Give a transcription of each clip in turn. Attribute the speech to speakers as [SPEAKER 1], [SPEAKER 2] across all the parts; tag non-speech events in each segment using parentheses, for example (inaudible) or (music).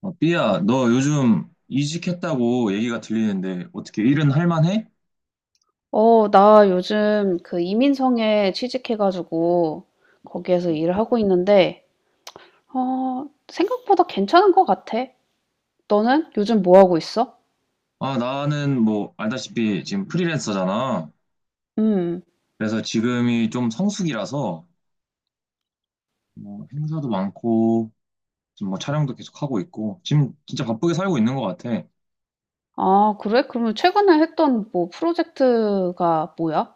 [SPEAKER 1] 어, 삐야, 너 요즘 이직했다고 얘기가 들리는데 어떻게 일은 할 만해?
[SPEAKER 2] 어, 나 요즘 그 이민성에 취직해 가지고 거기에서 일을 하고 있는데 어, 생각보다 괜찮은 것 같아. 너는 요즘 뭐 하고 있어?
[SPEAKER 1] 아, 나는 뭐 알다시피 지금 프리랜서잖아.
[SPEAKER 2] 음.
[SPEAKER 1] 그래서 지금이 좀 성수기라서 뭐 행사도 많고 지금 뭐 촬영도 계속 하고 있고 지금 진짜 바쁘게 살고 있는 것 같아.
[SPEAKER 2] 아, 그래? 그러면 최근에 했던 뭐 프로젝트가 뭐야?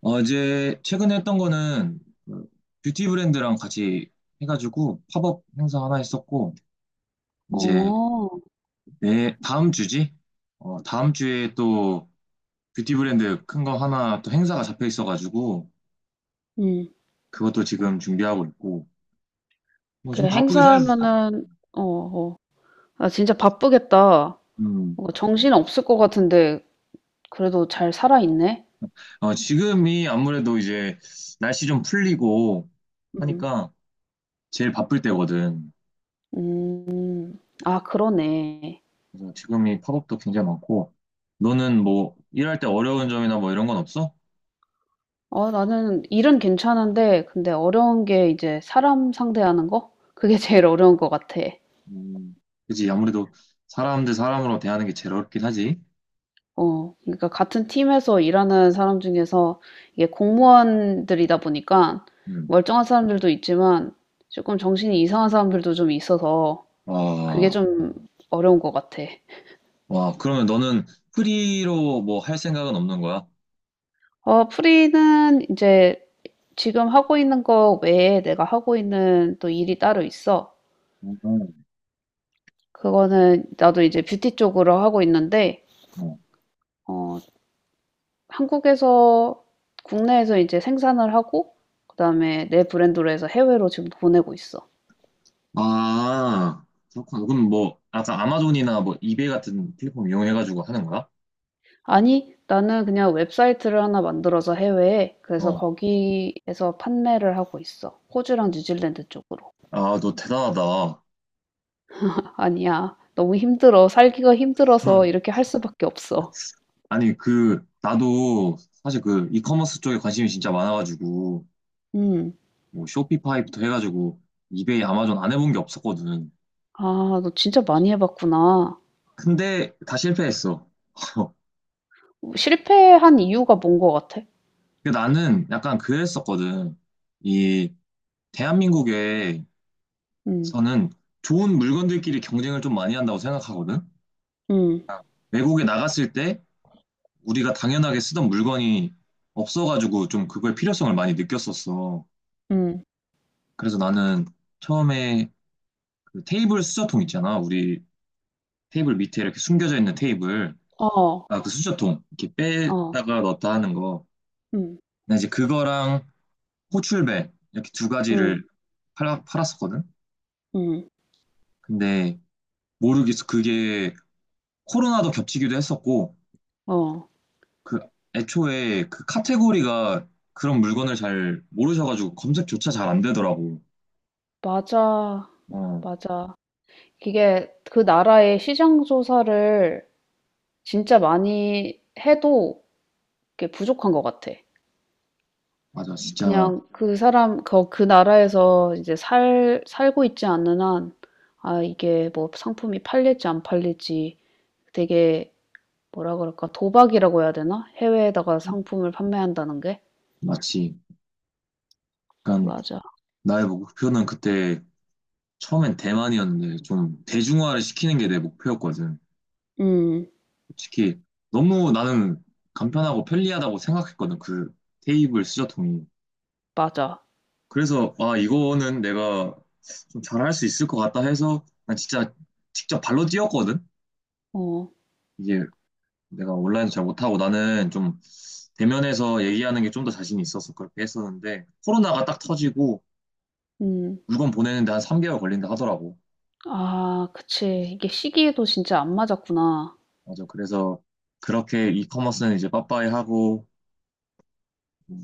[SPEAKER 1] 어제 최근에 했던 거는 그 뷰티 브랜드랑 같이 해가지고 팝업 행사 하나 했었고 이제
[SPEAKER 2] 어.
[SPEAKER 1] 내 다음 주지? 어, 다음 주에 또 뷰티 브랜드 큰 거 하나 또 행사가 잡혀 있어가지고
[SPEAKER 2] 음.
[SPEAKER 1] 그것도 지금 준비하고 있고 뭐
[SPEAKER 2] 그
[SPEAKER 1] 좀 바쁘게 살 네.
[SPEAKER 2] 행사면은, 어, 어, 아, 진짜 바쁘겠다.
[SPEAKER 1] 음.
[SPEAKER 2] 뭔가 정신 없을 것 같은데 그래도 잘 살아 있네.
[SPEAKER 1] 어, 지금이 아무래도 이제 날씨 좀 풀리고
[SPEAKER 2] 음.
[SPEAKER 1] 하니까 제일 바쁠 때거든.
[SPEAKER 2] 음. 아, 그러네.
[SPEAKER 1] 그래서 지금이 팝업도 굉장히 많고 너는 뭐 일할 때 어려운 점이나 뭐 이런 건 없어?
[SPEAKER 2] 어, 나는 일은 괜찮은데 근데 어려운 게 이제 사람 상대하는 거? 그게 (laughs) 제일 어려운 것 같아.
[SPEAKER 1] 음. 그지 아무래도 사람으로 대하는 게 제일 어렵긴 하지.
[SPEAKER 2] 어. 그러니까 같은 팀에서 일하는 사람 중에서 이게 공무원들이다 보니까
[SPEAKER 1] 음.
[SPEAKER 2] 멀쩡한 사람들도 있지만 조금 정신이 이상한 사람들도 좀 있어서 그게
[SPEAKER 1] 와,
[SPEAKER 2] 좀 어려운 것 같아.
[SPEAKER 1] 와, 그러면 너는 프리로 뭐 할 생각은 없는 거야?
[SPEAKER 2] 어, 프리는 이제 지금 하고 있는 거 외에 내가 하고 있는 또 일이 따로 있어. 그거는 나도 이제 뷰티 쪽으로 하고 있는데
[SPEAKER 1] 음.
[SPEAKER 2] 어, 한국에서 국내에서 이제 생산을 하고 그다음에 내 브랜드로 해서 해외로 지금 보내고 있어.
[SPEAKER 1] 아, 그렇구나. 그럼 뭐, 아까 아마존이나 뭐, 이베이 같은 플랫폼 이용해가지고 하는 거야?
[SPEAKER 2] 아니, 나는 그냥 웹사이트를 하나 만들어서 해외에, 그래서
[SPEAKER 1] 어.
[SPEAKER 2] 거기에서 판매를 하고 있어. 호주랑 뉴질랜드 쪽으로.
[SPEAKER 1] 아, 너 대단하다.
[SPEAKER 2] (laughs) 아니야. 너무 힘들어. 살기가 힘들어서
[SPEAKER 1] (laughs)
[SPEAKER 2] 이렇게 할 수밖에 없어.
[SPEAKER 1] 아니, 그, 나도 사실 그, 이커머스 쪽에 관심이 진짜 많아가지고,
[SPEAKER 2] 음.
[SPEAKER 1] 뭐, 쇼피파이부터 해가지고, 이베이, 아마존 안 해본 게 없었거든.
[SPEAKER 2] 아, 너 진짜 많이 해봤구나.
[SPEAKER 1] 근데 다 실패했어. (laughs)
[SPEAKER 2] 실패한 이유가 뭔 것 같아?
[SPEAKER 1] 근데 나는 약간 그랬었거든. 이, 대한민국에서는
[SPEAKER 2] 음.
[SPEAKER 1] 좋은 물건들끼리 경쟁을 좀 많이 한다고 생각하거든?
[SPEAKER 2] 음.
[SPEAKER 1] 외국에 나갔을 때, 우리가 당연하게 쓰던 물건이 없어가지고 좀 그거의 필요성을 많이 느꼈었어.
[SPEAKER 2] 음.
[SPEAKER 1] 그래서 나는 처음에 그 테이블 수저통 있잖아. 우리 테이블 밑에 이렇게 숨겨져 있는 테이블.
[SPEAKER 2] 어.
[SPEAKER 1] 아, 그 수저통. 이렇게
[SPEAKER 2] 어.
[SPEAKER 1] 빼다가 넣었다 하는 거.
[SPEAKER 2] 음.
[SPEAKER 1] 나 이제 그거랑 호출벨 이렇게 두 가지를
[SPEAKER 2] 음.
[SPEAKER 1] 팔았었거든.
[SPEAKER 2] 음.
[SPEAKER 1] 근데 모르겠어. 그게 코로나도 겹치기도 했었고,
[SPEAKER 2] 어.
[SPEAKER 1] 그 애초에 그 카테고리가 그런 물건을 잘 모르셔가지고 검색조차 잘 안 되더라고.
[SPEAKER 2] 맞아.
[SPEAKER 1] 어.
[SPEAKER 2] 맞아. 이게 그 나라의 시장 조사를 진짜 많이 해도 그게 부족한 것 같아.
[SPEAKER 1] 맞아, 진짜
[SPEAKER 2] 그냥 그 사람 그 나라에서 이제 살 살고 있지 않는 한, 아, 이게 뭐 상품이 팔릴지 안 팔릴지 되게, 뭐라 그럴까? 도박이라고 해야 되나? 해외에다가 상품을 판매한다는 게?
[SPEAKER 1] 마치 약간
[SPEAKER 2] 맞아.
[SPEAKER 1] 나의 목표는 그때 처음엔 대만이었는데 좀 대중화를 시키는 게 내 목표였거든.
[SPEAKER 2] 음.
[SPEAKER 1] 솔직히 너무 나는 간편하고 편리하다고 생각했거든. 그 테이블 수저통이.
[SPEAKER 2] 맞아.
[SPEAKER 1] 그래서 아 이거는 내가 좀 잘할 수 있을 것 같다 해서 난 진짜 직접 발로 뛰었거든.
[SPEAKER 2] 어.
[SPEAKER 1] 이게 내가 온라인 잘 못하고 나는 좀 대면에서 얘기하는 게 좀 더 자신이 있어서 그렇게 했었는데 코로나가 딱 터지고
[SPEAKER 2] 음.
[SPEAKER 1] 물건 보내는데 한 3개월 걸린다 하더라고.
[SPEAKER 2] 아, 그치. 이게 시기에도 진짜 안 맞았구나.
[SPEAKER 1] 맞아. 그래서 그렇게 이커머스는 이제 빠빠이 하고 뭐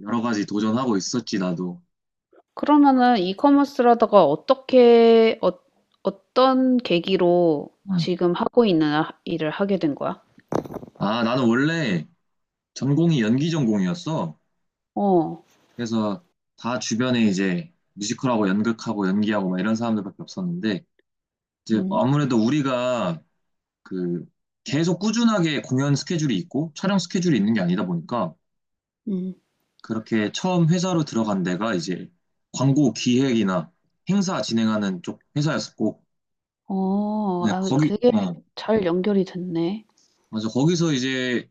[SPEAKER 1] 여러 가지 도전하고 있었지 나도.
[SPEAKER 2] 그러면은 이커머스라다가 어떻게, 어, 어떤 계기로
[SPEAKER 1] 응.
[SPEAKER 2] 지금 하고 있는 일을 하게 된 거야?
[SPEAKER 1] 아 나는 원래 전공이 연기 전공이었어.
[SPEAKER 2] 어.
[SPEAKER 1] 그래서 다 주변에 이제 뮤지컬하고 연극하고 연기하고 막 이런 사람들밖에 없었는데 이제
[SPEAKER 2] 음.
[SPEAKER 1] 아무래도 우리가 그 계속 꾸준하게 공연 스케줄이 있고 촬영 스케줄이 있는 게 아니다 보니까
[SPEAKER 2] 음.
[SPEAKER 1] 그렇게 처음 회사로 들어간 데가 이제 광고 기획이나 행사 진행하는 쪽 회사였었고
[SPEAKER 2] 어.
[SPEAKER 1] 네,
[SPEAKER 2] 아,
[SPEAKER 1] 거기,
[SPEAKER 2] 되게
[SPEAKER 1] 어,
[SPEAKER 2] 잘 연결이 됐네.
[SPEAKER 1] 맞아. 거기서 이제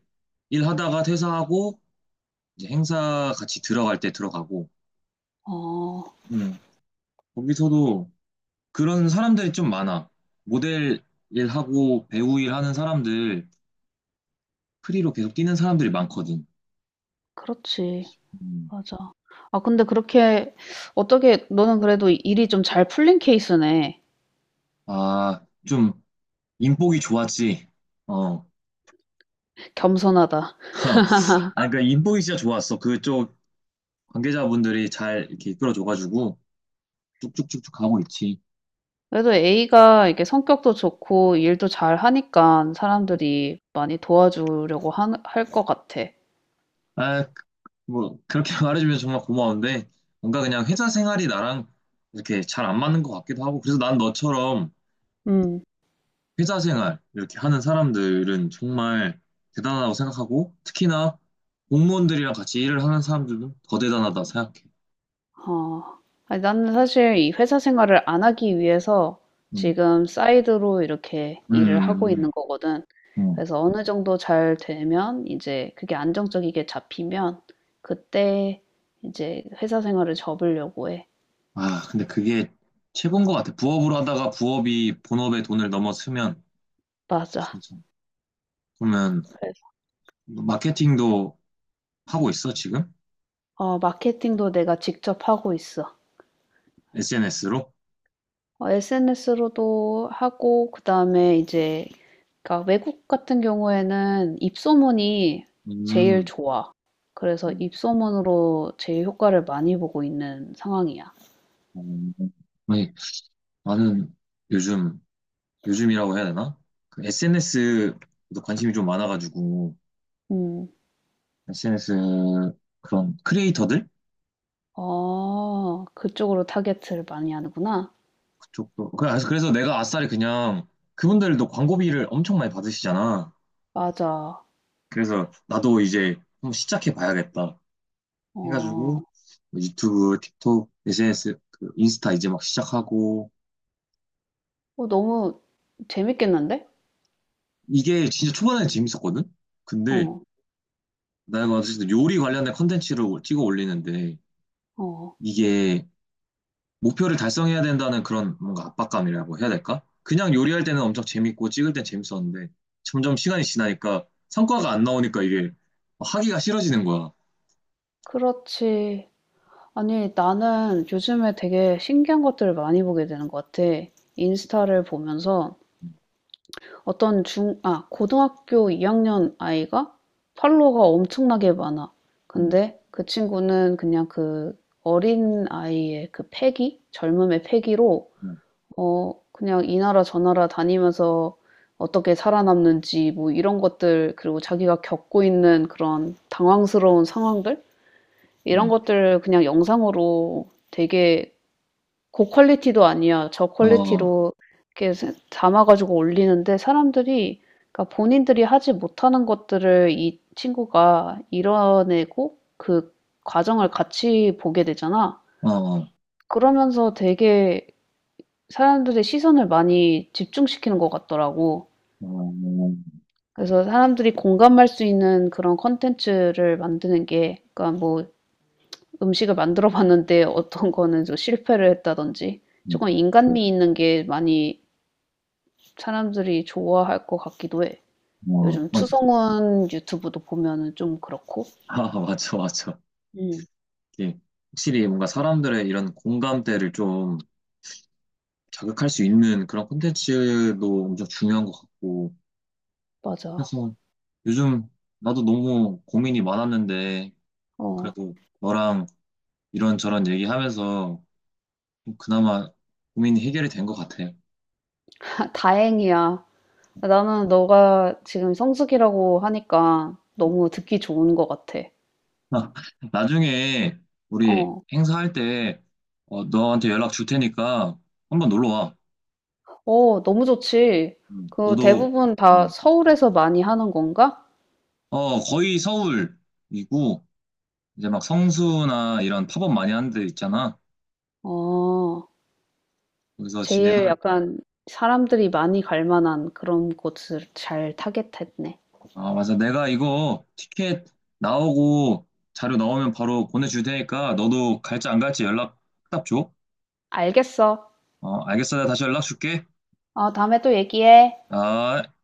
[SPEAKER 1] 일하다가 퇴사하고 이제 행사 같이 들어갈 때 들어가고.
[SPEAKER 2] 어.
[SPEAKER 1] 음. 거기서도 그런 사람들이 좀 많아. 모델 일하고 배우 일하는 사람들, 프리로 계속 뛰는 사람들이 많거든.
[SPEAKER 2] 그렇지.
[SPEAKER 1] 음.
[SPEAKER 2] 맞아. 아, 근데 그렇게 어떻게 너는 그래도 일이 좀 잘 풀린 케이스네.
[SPEAKER 1] 아, 좀 인복이 좋았지. 어.
[SPEAKER 2] 겸손하다.
[SPEAKER 1] (laughs) 아니 그러니까 인복이 진짜 좋았어. 그쪽 관계자분들이 잘 이렇게 이끌어줘가지고 쭉쭉쭉쭉 가고 있지.
[SPEAKER 2] 그래도 A가 이게 성격도 좋고 일도 잘 하니까 사람들이 많이 도와주려고 할 것 같아.
[SPEAKER 1] 아, 뭐 그렇게 (laughs) 말해주면 정말 고마운데 뭔가 그냥 회사 생활이 나랑 이렇게 잘 안 맞는 것 같기도 하고 그래서 난 너처럼
[SPEAKER 2] 음.
[SPEAKER 1] 회사 생활 이렇게 하는 사람들은 정말 대단하다고 생각하고 특히나 공무원들이랑 같이 일을 하는 사람들은 더 대단하다 생각해.
[SPEAKER 2] 어, 아니, 나는 사실 이 회사 생활을 안 하기 위해서
[SPEAKER 1] 음,
[SPEAKER 2] 지금 사이드로 이렇게 일을 하고
[SPEAKER 1] 음, 음.
[SPEAKER 2] 있는 거거든.
[SPEAKER 1] 음. 음.
[SPEAKER 2] 그래서 어느 정도 잘 되면 이제 그게 안정적이게 잡히면 그때 이제 회사 생활을 접으려고 해.
[SPEAKER 1] 아, 근데 그게 최고인 것 같아. 부업으로 하다가 부업이 본업에 돈을 넘어서면
[SPEAKER 2] 맞아.
[SPEAKER 1] 진짜. 그러면
[SPEAKER 2] 그래서,
[SPEAKER 1] 마케팅도 하고 있어 지금?
[SPEAKER 2] 어, 마케팅도 내가 직접 하고 있어.
[SPEAKER 1] SNS로?
[SPEAKER 2] 어, SNS로도 하고 그다음에 이제, 그러니까 외국 같은 경우에는 입소문이 제일
[SPEAKER 1] 음.
[SPEAKER 2] 좋아. 그래서 입소문으로 제일 효과를 많이 보고 있는 상황이야.
[SPEAKER 1] 어, 아니, 나는 요즘, 요즘이라고 해야 되나? 그 SNS도 관심이 좀 많아가지고,
[SPEAKER 2] 음.
[SPEAKER 1] SNS 그런 크리에이터들?
[SPEAKER 2] 아, 그쪽으로 타겟을 많이 하는구나.
[SPEAKER 1] 그쪽도. 그래서 내가 아싸리 그냥 그분들도 광고비를 엄청 많이 받으시잖아.
[SPEAKER 2] 맞아.
[SPEAKER 1] 그래서 나도 이제 한번 시작해 봐야겠다. 해가지고
[SPEAKER 2] 어.
[SPEAKER 1] 뭐 유튜브, 틱톡, SNS, 그 인스타 이제 막 시작하고,
[SPEAKER 2] 어, 너무 재밌겠는데?
[SPEAKER 1] 이게 진짜 초반에 재밌었거든? 근데
[SPEAKER 2] 어.
[SPEAKER 1] 내가 어쨌든 요리 관련된 컨텐츠를 찍어 올리는데,
[SPEAKER 2] 어.
[SPEAKER 1] 이게 목표를 달성해야 된다는 그런 뭔가 압박감이라고 해야 될까? 그냥 요리할 때는 엄청 재밌고 찍을 땐 재밌었는데 점점 시간이 지나니까 성과가 안 나오니까 이게 하기가 싫어지는 거야.
[SPEAKER 2] 그렇지. 아니, 나는 요즘에 되게 신기한 것들을 많이 보게 되는 것 같아. 인스타를 보면서 어떤 중, 아, 고등학교 2학년 아이가 팔로워가 엄청나게 많아.
[SPEAKER 1] 음,
[SPEAKER 2] 근데 그 친구는 그냥 그 어린 아이의 그 패기? 젊음의 패기로,
[SPEAKER 1] 음,
[SPEAKER 2] 어, 그냥 이 나라 저 나라 다니면서 어떻게 살아남는지 뭐 이런 것들, 그리고 자기가 겪고 있는 그런 당황스러운 상황들? 이런
[SPEAKER 1] 음.
[SPEAKER 2] 것들을 그냥 영상으로 되게, 고 퀄리티도 아니야. 저
[SPEAKER 1] 어,
[SPEAKER 2] 퀄리티로 이렇게 담아 가지고 올리는데 사람들이, 그러니까 본인들이 하지 못하는 것들을 이 친구가 이뤄내고 그 과정을 같이 보게 되잖아.
[SPEAKER 1] 어, 어,
[SPEAKER 2] 그러면서 되게 사람들의 시선을 많이 집중시키는 것 같더라고. 그래서 사람들이 공감할 수 있는 그런 컨텐츠를 만드는 게, 그러니까 뭐, 음식을 만들어 봤는데 어떤 거는 좀 실패를 했다든지
[SPEAKER 1] 음,
[SPEAKER 2] 조금 인간미 있는 게 많이 사람들이 좋아할 것 같기도 해.
[SPEAKER 1] 어,
[SPEAKER 2] 요즘
[SPEAKER 1] 맞아.
[SPEAKER 2] 추성훈 유튜브도 보면은 좀 그렇고.
[SPEAKER 1] 아, 맞아, 맞아.
[SPEAKER 2] 음.
[SPEAKER 1] 이게 확실히 뭔가 사람들의 이런 공감대를 좀 자극할 수 있는 그런 콘텐츠도 엄청 중요한 것 같고.
[SPEAKER 2] 맞아.
[SPEAKER 1] 그래서 요즘 나도 너무 고민이 많았는데
[SPEAKER 2] 어.
[SPEAKER 1] 그래도 너랑 이런저런 얘기하면서 그나마 고민이 해결이 된 것 같아요.
[SPEAKER 2] 다 다행이야. 나는 너가 지금 성수기라고 하니까 너무
[SPEAKER 1] (laughs)
[SPEAKER 2] 듣기 좋은 것 같아.
[SPEAKER 1] 아, 나중에 우리
[SPEAKER 2] 어.
[SPEAKER 1] 행사할 때 어, 너한테 연락 줄 테니까 한번 놀러 와.
[SPEAKER 2] 어, 너무 좋지. 그
[SPEAKER 1] 너도
[SPEAKER 2] 대부분
[SPEAKER 1] 음,
[SPEAKER 2] 다 서울에서 많이 하는 건가?
[SPEAKER 1] 어, 거의 서울이고 이제 막 성수나 이런 팝업 많이 하는 데 있잖아.
[SPEAKER 2] 어.
[SPEAKER 1] 거기서
[SPEAKER 2] 제일
[SPEAKER 1] 진행할.
[SPEAKER 2] 약간 사람들이 많이 갈 만한 그런 곳을 잘 타겟했네.
[SPEAKER 1] 아, 맞아. 내가 이거 티켓 나오고 자료 나오면 바로 보내줄 테니까 너도 갈지 안 갈지 연락 딱 줘.
[SPEAKER 2] 알겠어.
[SPEAKER 1] 어, 알겠어. 내가 다시 연락 줄게.
[SPEAKER 2] 어, 다음에 또 얘기해.
[SPEAKER 1] 아.